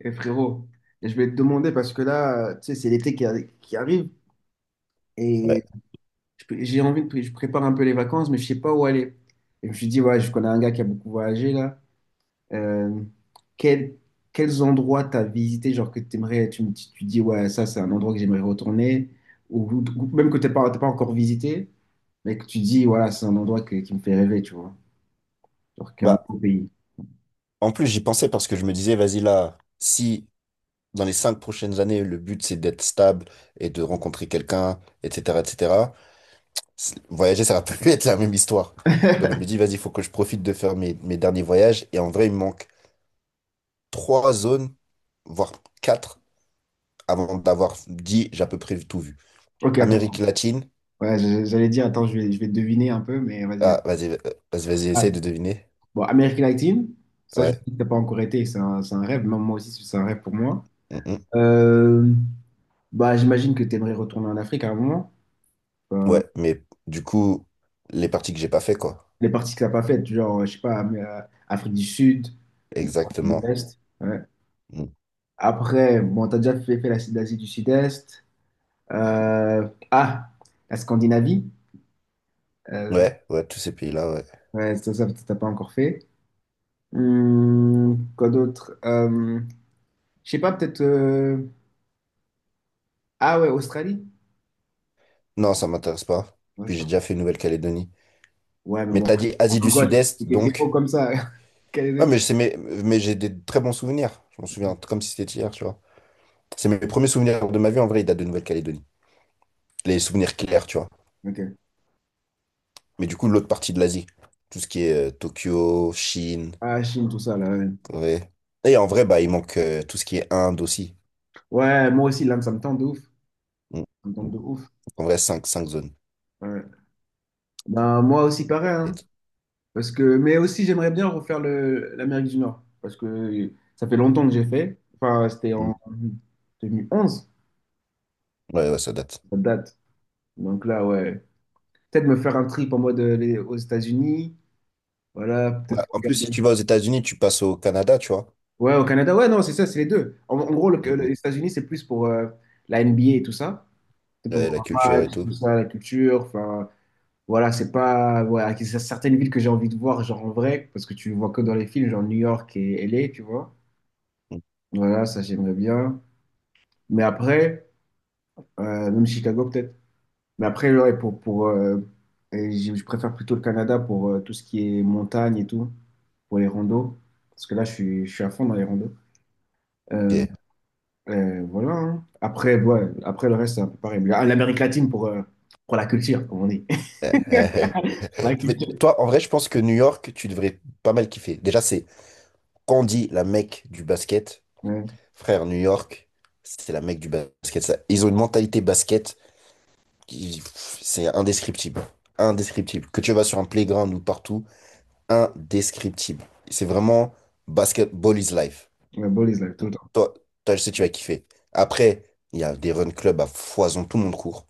Et frérot, et je vais te demander parce que là, tu sais, c'est l'été qui arrive et Ouais. J'ai envie de, je prépare un peu les vacances, mais je sais pas où aller. Et je me suis dit, ouais, je connais un gars qui a beaucoup voyagé là. Euh, quel- Quels endroits t'as visité, genre que t'aimerais, tu dis, ouais, ça c'est un endroit que j'aimerais retourner, ou, ou même que t'as pas encore visité, mais que tu dis, voilà, c'est un qui me fait rêver, tu vois. Genre qu'un Bah, autre pays. en plus, j'y pensais parce que je me disais, vas-y là, si dans les cinq prochaines années, le but c'est d'être stable et de rencontrer quelqu'un, etc., etc., voyager, ça va plus être la même histoire. Donc je me dis, vas-y, il faut que je profite de faire mes derniers voyages. Et en vrai, il me manque trois zones, voire quatre, avant d'avoir dit, j'ai à peu près tout vu. Ok, Amérique attends. latine. Ouais, j'allais dire, attends, je vais deviner un peu, mais vas-y, Ah, vas-y, vas-y, vas-y. essaye de deviner. Bon, American 19, ça, je sais Ouais. que t'as pas encore été, c'est un rêve. Même moi aussi, c'est un rêve pour moi. Mm, mm. Euh, Bah, j'imagine que tu aimerais retourner en Afrique à un moment. Enfin, Ouais, mais du coup, les parties que j'ai pas fait, quoi. les parties que t'as pas faites, genre, je sais pas, mais, Afrique du Sud ou Afrique de Exactement. l'Est. Ouais. Mm. Après, bon, t'as déjà fait l'Asie du Sud-Est. Euh, ah, la Scandinavie. Euh, Ouais, ouais, tous ces pays-là, ouais. ouais, ça, t'as pas encore fait. Quoi d'autre? Je sais pas, peut-être. Ah ouais, Australie. Non, ça m'intéresse pas. Ouais, c'est Puis j'ai pas- déjà fait Nouvelle-Calédonie. Ouais, mais Mais bon, t'as dit en Asie du pourquoi Sud-Est, c'était des mots donc. comme ça, Ah, Calédonie. mais c'est mes... mais j'ai des très bons souvenirs. Je m'en Ouais. souviens comme si c'était hier, tu vois. C'est mes premiers souvenirs de ma vie, en vrai, ils datent de Nouvelle-Calédonie. Les souvenirs clairs, tu vois. Ok. Mais du coup, l'autre partie de l'Asie. Tout ce qui est Tokyo, Chine, Ah, Chine, tout ça, là. Ouais, Corée. Et en vrai, bah, il manque tout ce qui est Inde aussi. ouais, moi aussi, là, ça me tente de ouf. Ça Mm. me tente de ouf. En vrai, cinq zones. Ouais. Ben, moi aussi, pareil. Hein. Peut-être. Parce que... Mais aussi, j'aimerais bien refaire le... l'Amérique du Nord. Parce que ça fait longtemps que j'ai fait. Enfin, c'était Mm. en 2011, Ouais, ouais, ça date. ça date. Donc là, ouais. Peut-être me faire un trip en mode aux États-Unis. Voilà, Ouais, peut-être en plus, si regarder. tu vas aux États-Unis, tu passes au Canada, tu vois. Ouais, au Canada. Ouais, non, c'est ça, c'est les deux. En gros, Mm, les mm. États-Unis, c'est plus pour la NBA et tout ça. C'est pour Ouais, la voir un culture et match, tout. tout ça, la culture. Enfin, voilà, c'est pas. Voilà, c'est certaines villes que j'ai envie de voir, genre en vrai, parce que tu le vois que dans les films, genre New York et LA, tu vois. Ok. Voilà, ça, j'aimerais bien. Mais après, même Chicago, peut-être. Mais après, ouais, et je préfère plutôt le Canada pour tout ce qui est montagne et tout, pour les randos. Parce que là, je suis à fond dans les randos. Euh, Euh, voilà. Hein. Après, ouais, après, le reste, c'est un peu pareil. Mais, ah, l'Amérique latine pour la culture, comme on dit. euh, Pour la Je vais culture. toi, en vrai, je pense que New York, tu devrais pas mal kiffer. Déjà, c'est quand on dit la Mecque du basket, Ouais. frère, New York, c'est la Mecque du basket. Ils ont une mentalité basket qui, pff, c'est indescriptible. Indescriptible. Que tu vas sur un playground ou partout, indescriptible. C'est vraiment basketball is life. La police, like, tout Donc, le temps. Toi, je sais, que tu vas kiffer. Après, il y a des run clubs à foison, tout le monde court.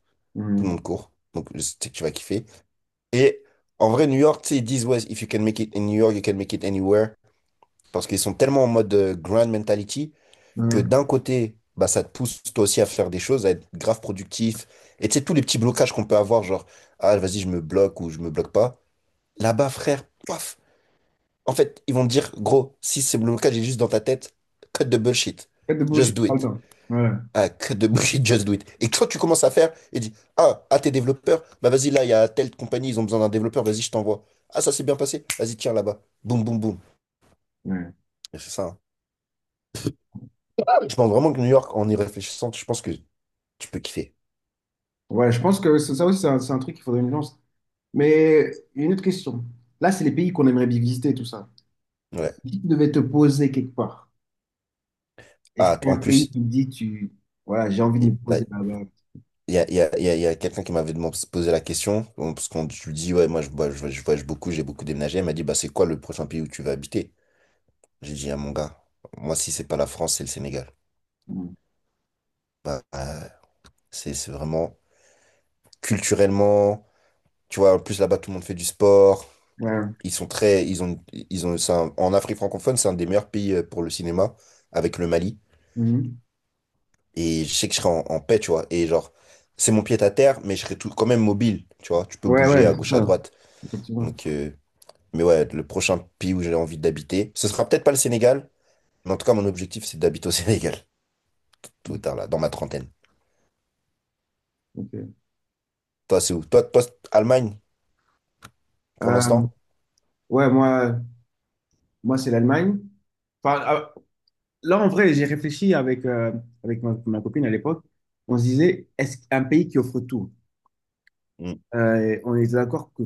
Tout le Mhm. monde court. Donc, je sais que tu vas kiffer. Et en vrai, New York, tu sais, ils disent, ouais, if you can make it in New York, you can make it anywhere. Parce qu'ils sont tellement en mode grand mentality que Mhm. d'un côté, bah, ça te pousse toi aussi à faire des choses, à être grave productif. Et tu sais, tous les petits blocages qu'on peut avoir, genre, ah, vas-y, je me bloque ou je me bloque pas. Là-bas, frère, paf. En fait, ils vont te dire, gros, si ce blocage est juste dans ta tête, cut the bullshit. Tête de bouche, j'ai Just do pas le it. temps. Ouais. Ah, que de bullshit, just do it. Et quand tu commences à faire, et dis, ah, à tes développeurs, bah vas-y, là, il y a telle compagnie, ils ont besoin d'un développeur, vas-y, je t'envoie. Ah, ça s'est bien passé, vas-y, tiens, là-bas. Boum, boum, boum. Ouais. Et c'est ça, hein. Ah, oui. Je pense vraiment que New York, en y réfléchissant, je pense que tu peux kiffer. Ouais, je pense que c'est ça aussi, c'est un truc qu'il faudrait une lance. Mais une autre question. Là, c'est les pays qu'on aimerait bien visiter, tout ça. Ouais. Si tu devais te poser quelque part, est-ce Ah, qu'il y a en un pays plus, qui te dit, tu... voilà, j'ai envie de me il poser ouais, là-bas? il y a, il y a, il y a- il y a quelqu'un qui posé la question, bon, parce qu'on je lui dis, ouais, moi, voyage je voyage beaucoup, j'ai beaucoup déménagé. Elle m'a dit, bah, c'est quoi le prochain pays où tu vas habiter? J'ai dit, ah, mon gars, moi, si c'est pas la France, c'est le Sénégal. Mhm. Bah, euh, c'est vraiment culturellement. Tu vois, en plus là-bas, tout le monde fait du sport. Ouais. Ils sont très, ils ont, en Afrique francophone, c'est un des meilleurs pays pour le cinéma avec le Mali. Mhm. Et je sais que je serai en paix, tu vois. Et genre, c'est mon pied à terre, mais je serai tout, quand même mobile, tu vois. Tu peux Ouais, bouger ouais, à c'est gauche, à ça, droite. effectivement. Donc, mais ouais, le prochain pays où j'ai envie d'habiter, ce sera peut-être pas le Sénégal, mais en tout cas, mon objectif, c'est d'habiter au Sénégal, tout Mhm. tard là, dans ma trentaine. Ok. Toi, c'est où? Toi, c'est Allemagne, pour Euh, l'instant? ouais, moi c'est l'Allemagne. Enfin, ah, là, en vrai, j'ai réfléchi avec, avec ma copine à l'époque. On se disait, est-ce qu'un pays qui offre tout? On était d'accord que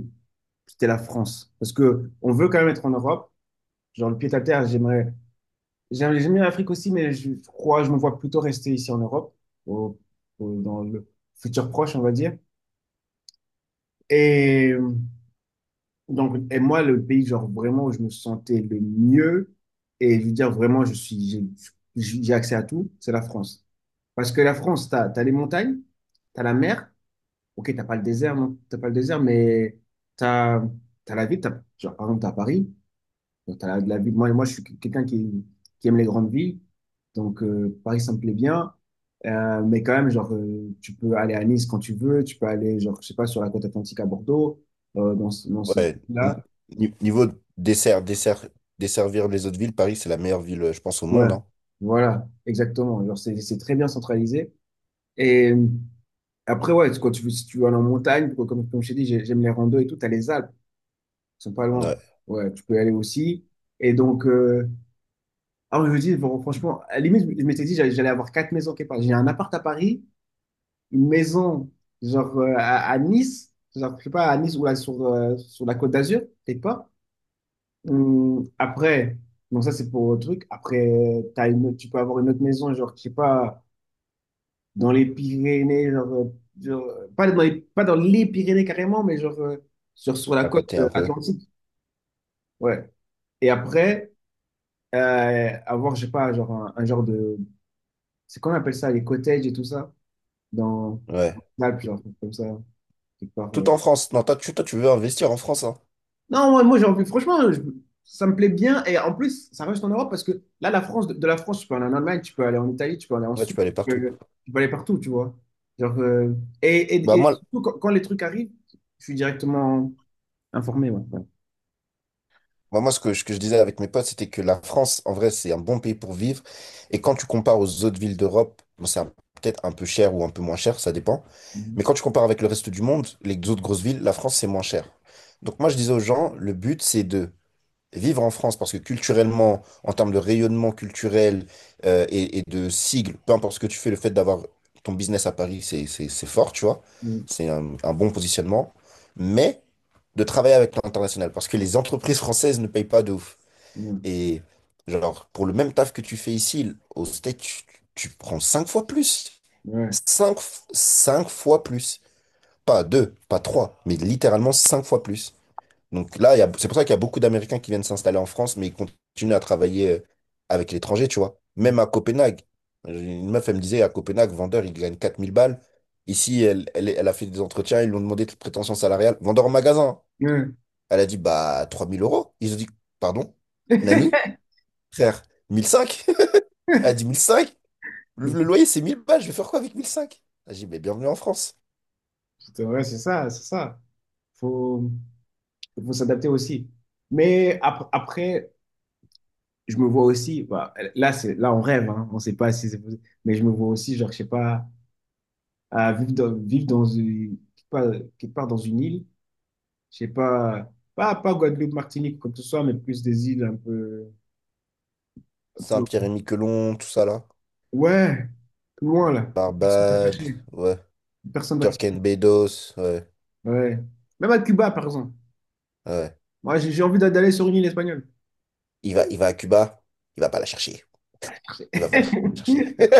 c'était la France. Parce que on veut quand même être en Europe. Genre, le pied à terre, j'aimerais. J'aime bien l'Afrique aussi, mais je crois, je me vois plutôt rester ici en Europe, au- dans le futur proche, on va dire. Et. Donc, et moi, le pays, genre, vraiment, où je me sentais le mieux, et je veux dire, vraiment, je suis, j'ai accès à tout, c'est la France. Parce que la France, t'as les montagnes, t'as la mer, ok, t'as pas le désert, non, t'as pas le désert, mais t'as, t'as la ville, t'as, genre, par exemple, t'as Paris, donc la ville, moi, je suis quelqu'un qui aime les grandes villes, donc Paris, ça me plaît bien. Mais quand même, tu peux aller à Nice quand tu veux, tu peux aller, genre, je sais pas, sur la côte atlantique à Bordeaux, dans ce Ouais, là. Niveau dessert, desservir les autres villes, Paris, c'est la meilleure ville, je pense, au Ouais, monde, hein. voilà, exactement. Genre, c'est très bien centralisé. Et après, ouais, quand tu, si tu vas en montagne, quoi, comme je t'ai dit, j'aime les randos et tout, t'as les Alpes, ils sont pas loin. Ouais, Ouais, tu peux y aller aussi. Et donc, je me dis, bon, franchement, à la limite, je m'étais dit, j'allais avoir 4 maisons quelque part. J'ai un appart à Paris, une maison, à Nice, genre, je sais pas, à Nice ou là, sur la Côte d'Azur, peut-être pas. Après, bon, ça, c'est pour le truc. Après, tu peux avoir une autre maison, genre, je sais pas dans les Pyrénées, pas dans les, pas dans les Pyrénées carrément, mais sur la à côte côté un peu. atlantique. Ouais. Et après, avoir, je sais pas, un genre de. C'est qu'on appelle ça, les cottages et tout ça, dans Ouais. l'Alpe, genre, comme ça, quelque part, ouais. Tout en France. Non, toi, tu veux investir en France, hein. Non, moi j'ai envie, franchement, je- ça me plaît bien. Et en plus, ça reste en Europe parce que là, de la France, tu peux aller en Allemagne, tu peux aller en Italie, tu peux aller en Ouais, tu Suisse, peux aller partout. Tu peux aller partout, tu vois. Genre, euh, Bah, et moi, surtout, quand les trucs arrivent, je suis directement. Informé, ouais. Ouais. bah, moi ce que je disais avec mes potes, c'était que la France, en vrai, c'est un bon pays pour vivre. Et quand tu compares aux autres villes d'Europe, bon, peut-être un peu cher ou un peu moins cher, ça dépend. Mais Mhm. quand tu compares avec le reste du monde, les autres grosses villes, la France, c'est moins cher. Donc, moi, je disais aux gens, le but, c'est de vivre en France parce que culturellement, en termes de rayonnement culturel et de sigle, peu importe ce que tu fais, le fait d'avoir ton business à Paris, c'est fort, tu vois. C'est un bon positionnement. Mais de travailler avec l'international parce que les entreprises françaises ne payent pas de ouf. Mhm. Mhm. Et genre, pour le même taf que tu fais ici, au States, tu prends cinq fois plus. Ouais. Cinq, cinq fois plus. Pas deux, pas trois, mais littéralement cinq fois plus. Donc là, c'est pour ça qu'il y a beaucoup d'Américains qui viennent s'installer en France, mais ils continuent à travailler avec l'étranger, tu vois. Mhm. Même à Copenhague. Une meuf, elle me disait, à Copenhague, vendeur, il gagne 4 000 balles. Ici, elle a fait des entretiens, ils lui ont demandé de prétention salariale. Vendeur en magasin. Ouais. Elle a dit, bah, 3000 euros. Ils ont dit, pardon, Nani, frère, 1005? Elle a dit, 1005? Le loyer, c'est 1000 balles, je vais faire quoi avec 1005? J'ai dit, mais bienvenue en France. C'est vrai, c'est ça, c'est ça. Faut, faut s'adapter aussi. Mais après, je me vois aussi, bah, là, c'est, là, on rêve, hein, on sait pas si c'est possible, mais je me vois aussi, genre, je sais pas, à vivre dans une, quelque part dans une île, je sais pas, pas Guadeloupe, Martinique, comme que ce soit, mais plus des îles un peu, Saint-Pierre-et-Miquelon, tout ça là. ouais, plus loin, là. Personne va te Barbade, chercher. ouais. Personne va te Turk chercher. and Bedos, ouais. Ouais. Même à Cuba, par exemple. Ouais. Moi, j'ai d'aller sur une île espagnole. Il va à Cuba, il va pas la chercher. Il va pas la chercher.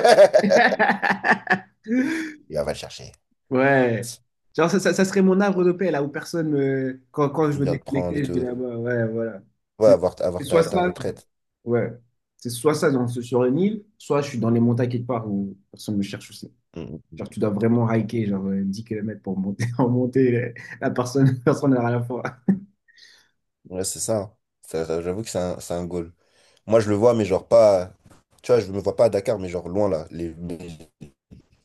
Il va pas la chercher. Ouais. Genre, ça serait mon arbre de paix, là où personne me... quand je Il veux vient de prendre et déconnecter, je vais tout. là-bas. Ouais, voilà. Ouais, C'est c'est avoir soit ta ça. retraite. Ouais. C'est soit ça, sur une île, soit je suis dans les montagnes quelque part où personne me cherche aussi. Mm. Genre, tu dois vraiment hiker, 10 km pour monter, en monter. La personne, personne n'a rien à faire. Ouais, c'est ça, hein. J'avoue que c'est c'est un goal. Moi, je le vois, mais genre pas. Tu vois, je me vois pas à Dakar, mais genre loin là. Les,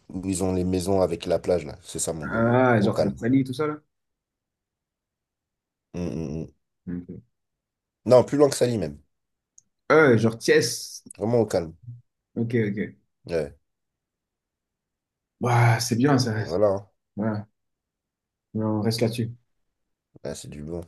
où ils ont les maisons avec la plage là. C'est ça mon goal. Ah, Au genre, vers calme. Sali, tout ça, là. Mm, mm, mm. Ok. Non, plus loin que Sali même. Genre, Thiès. Vraiment au calme. Ok, ok. Ouais. Bah, c'est bien, Et ça. voilà, hein. Voilà. On reste là-dessus. Ouais, c'est du bon.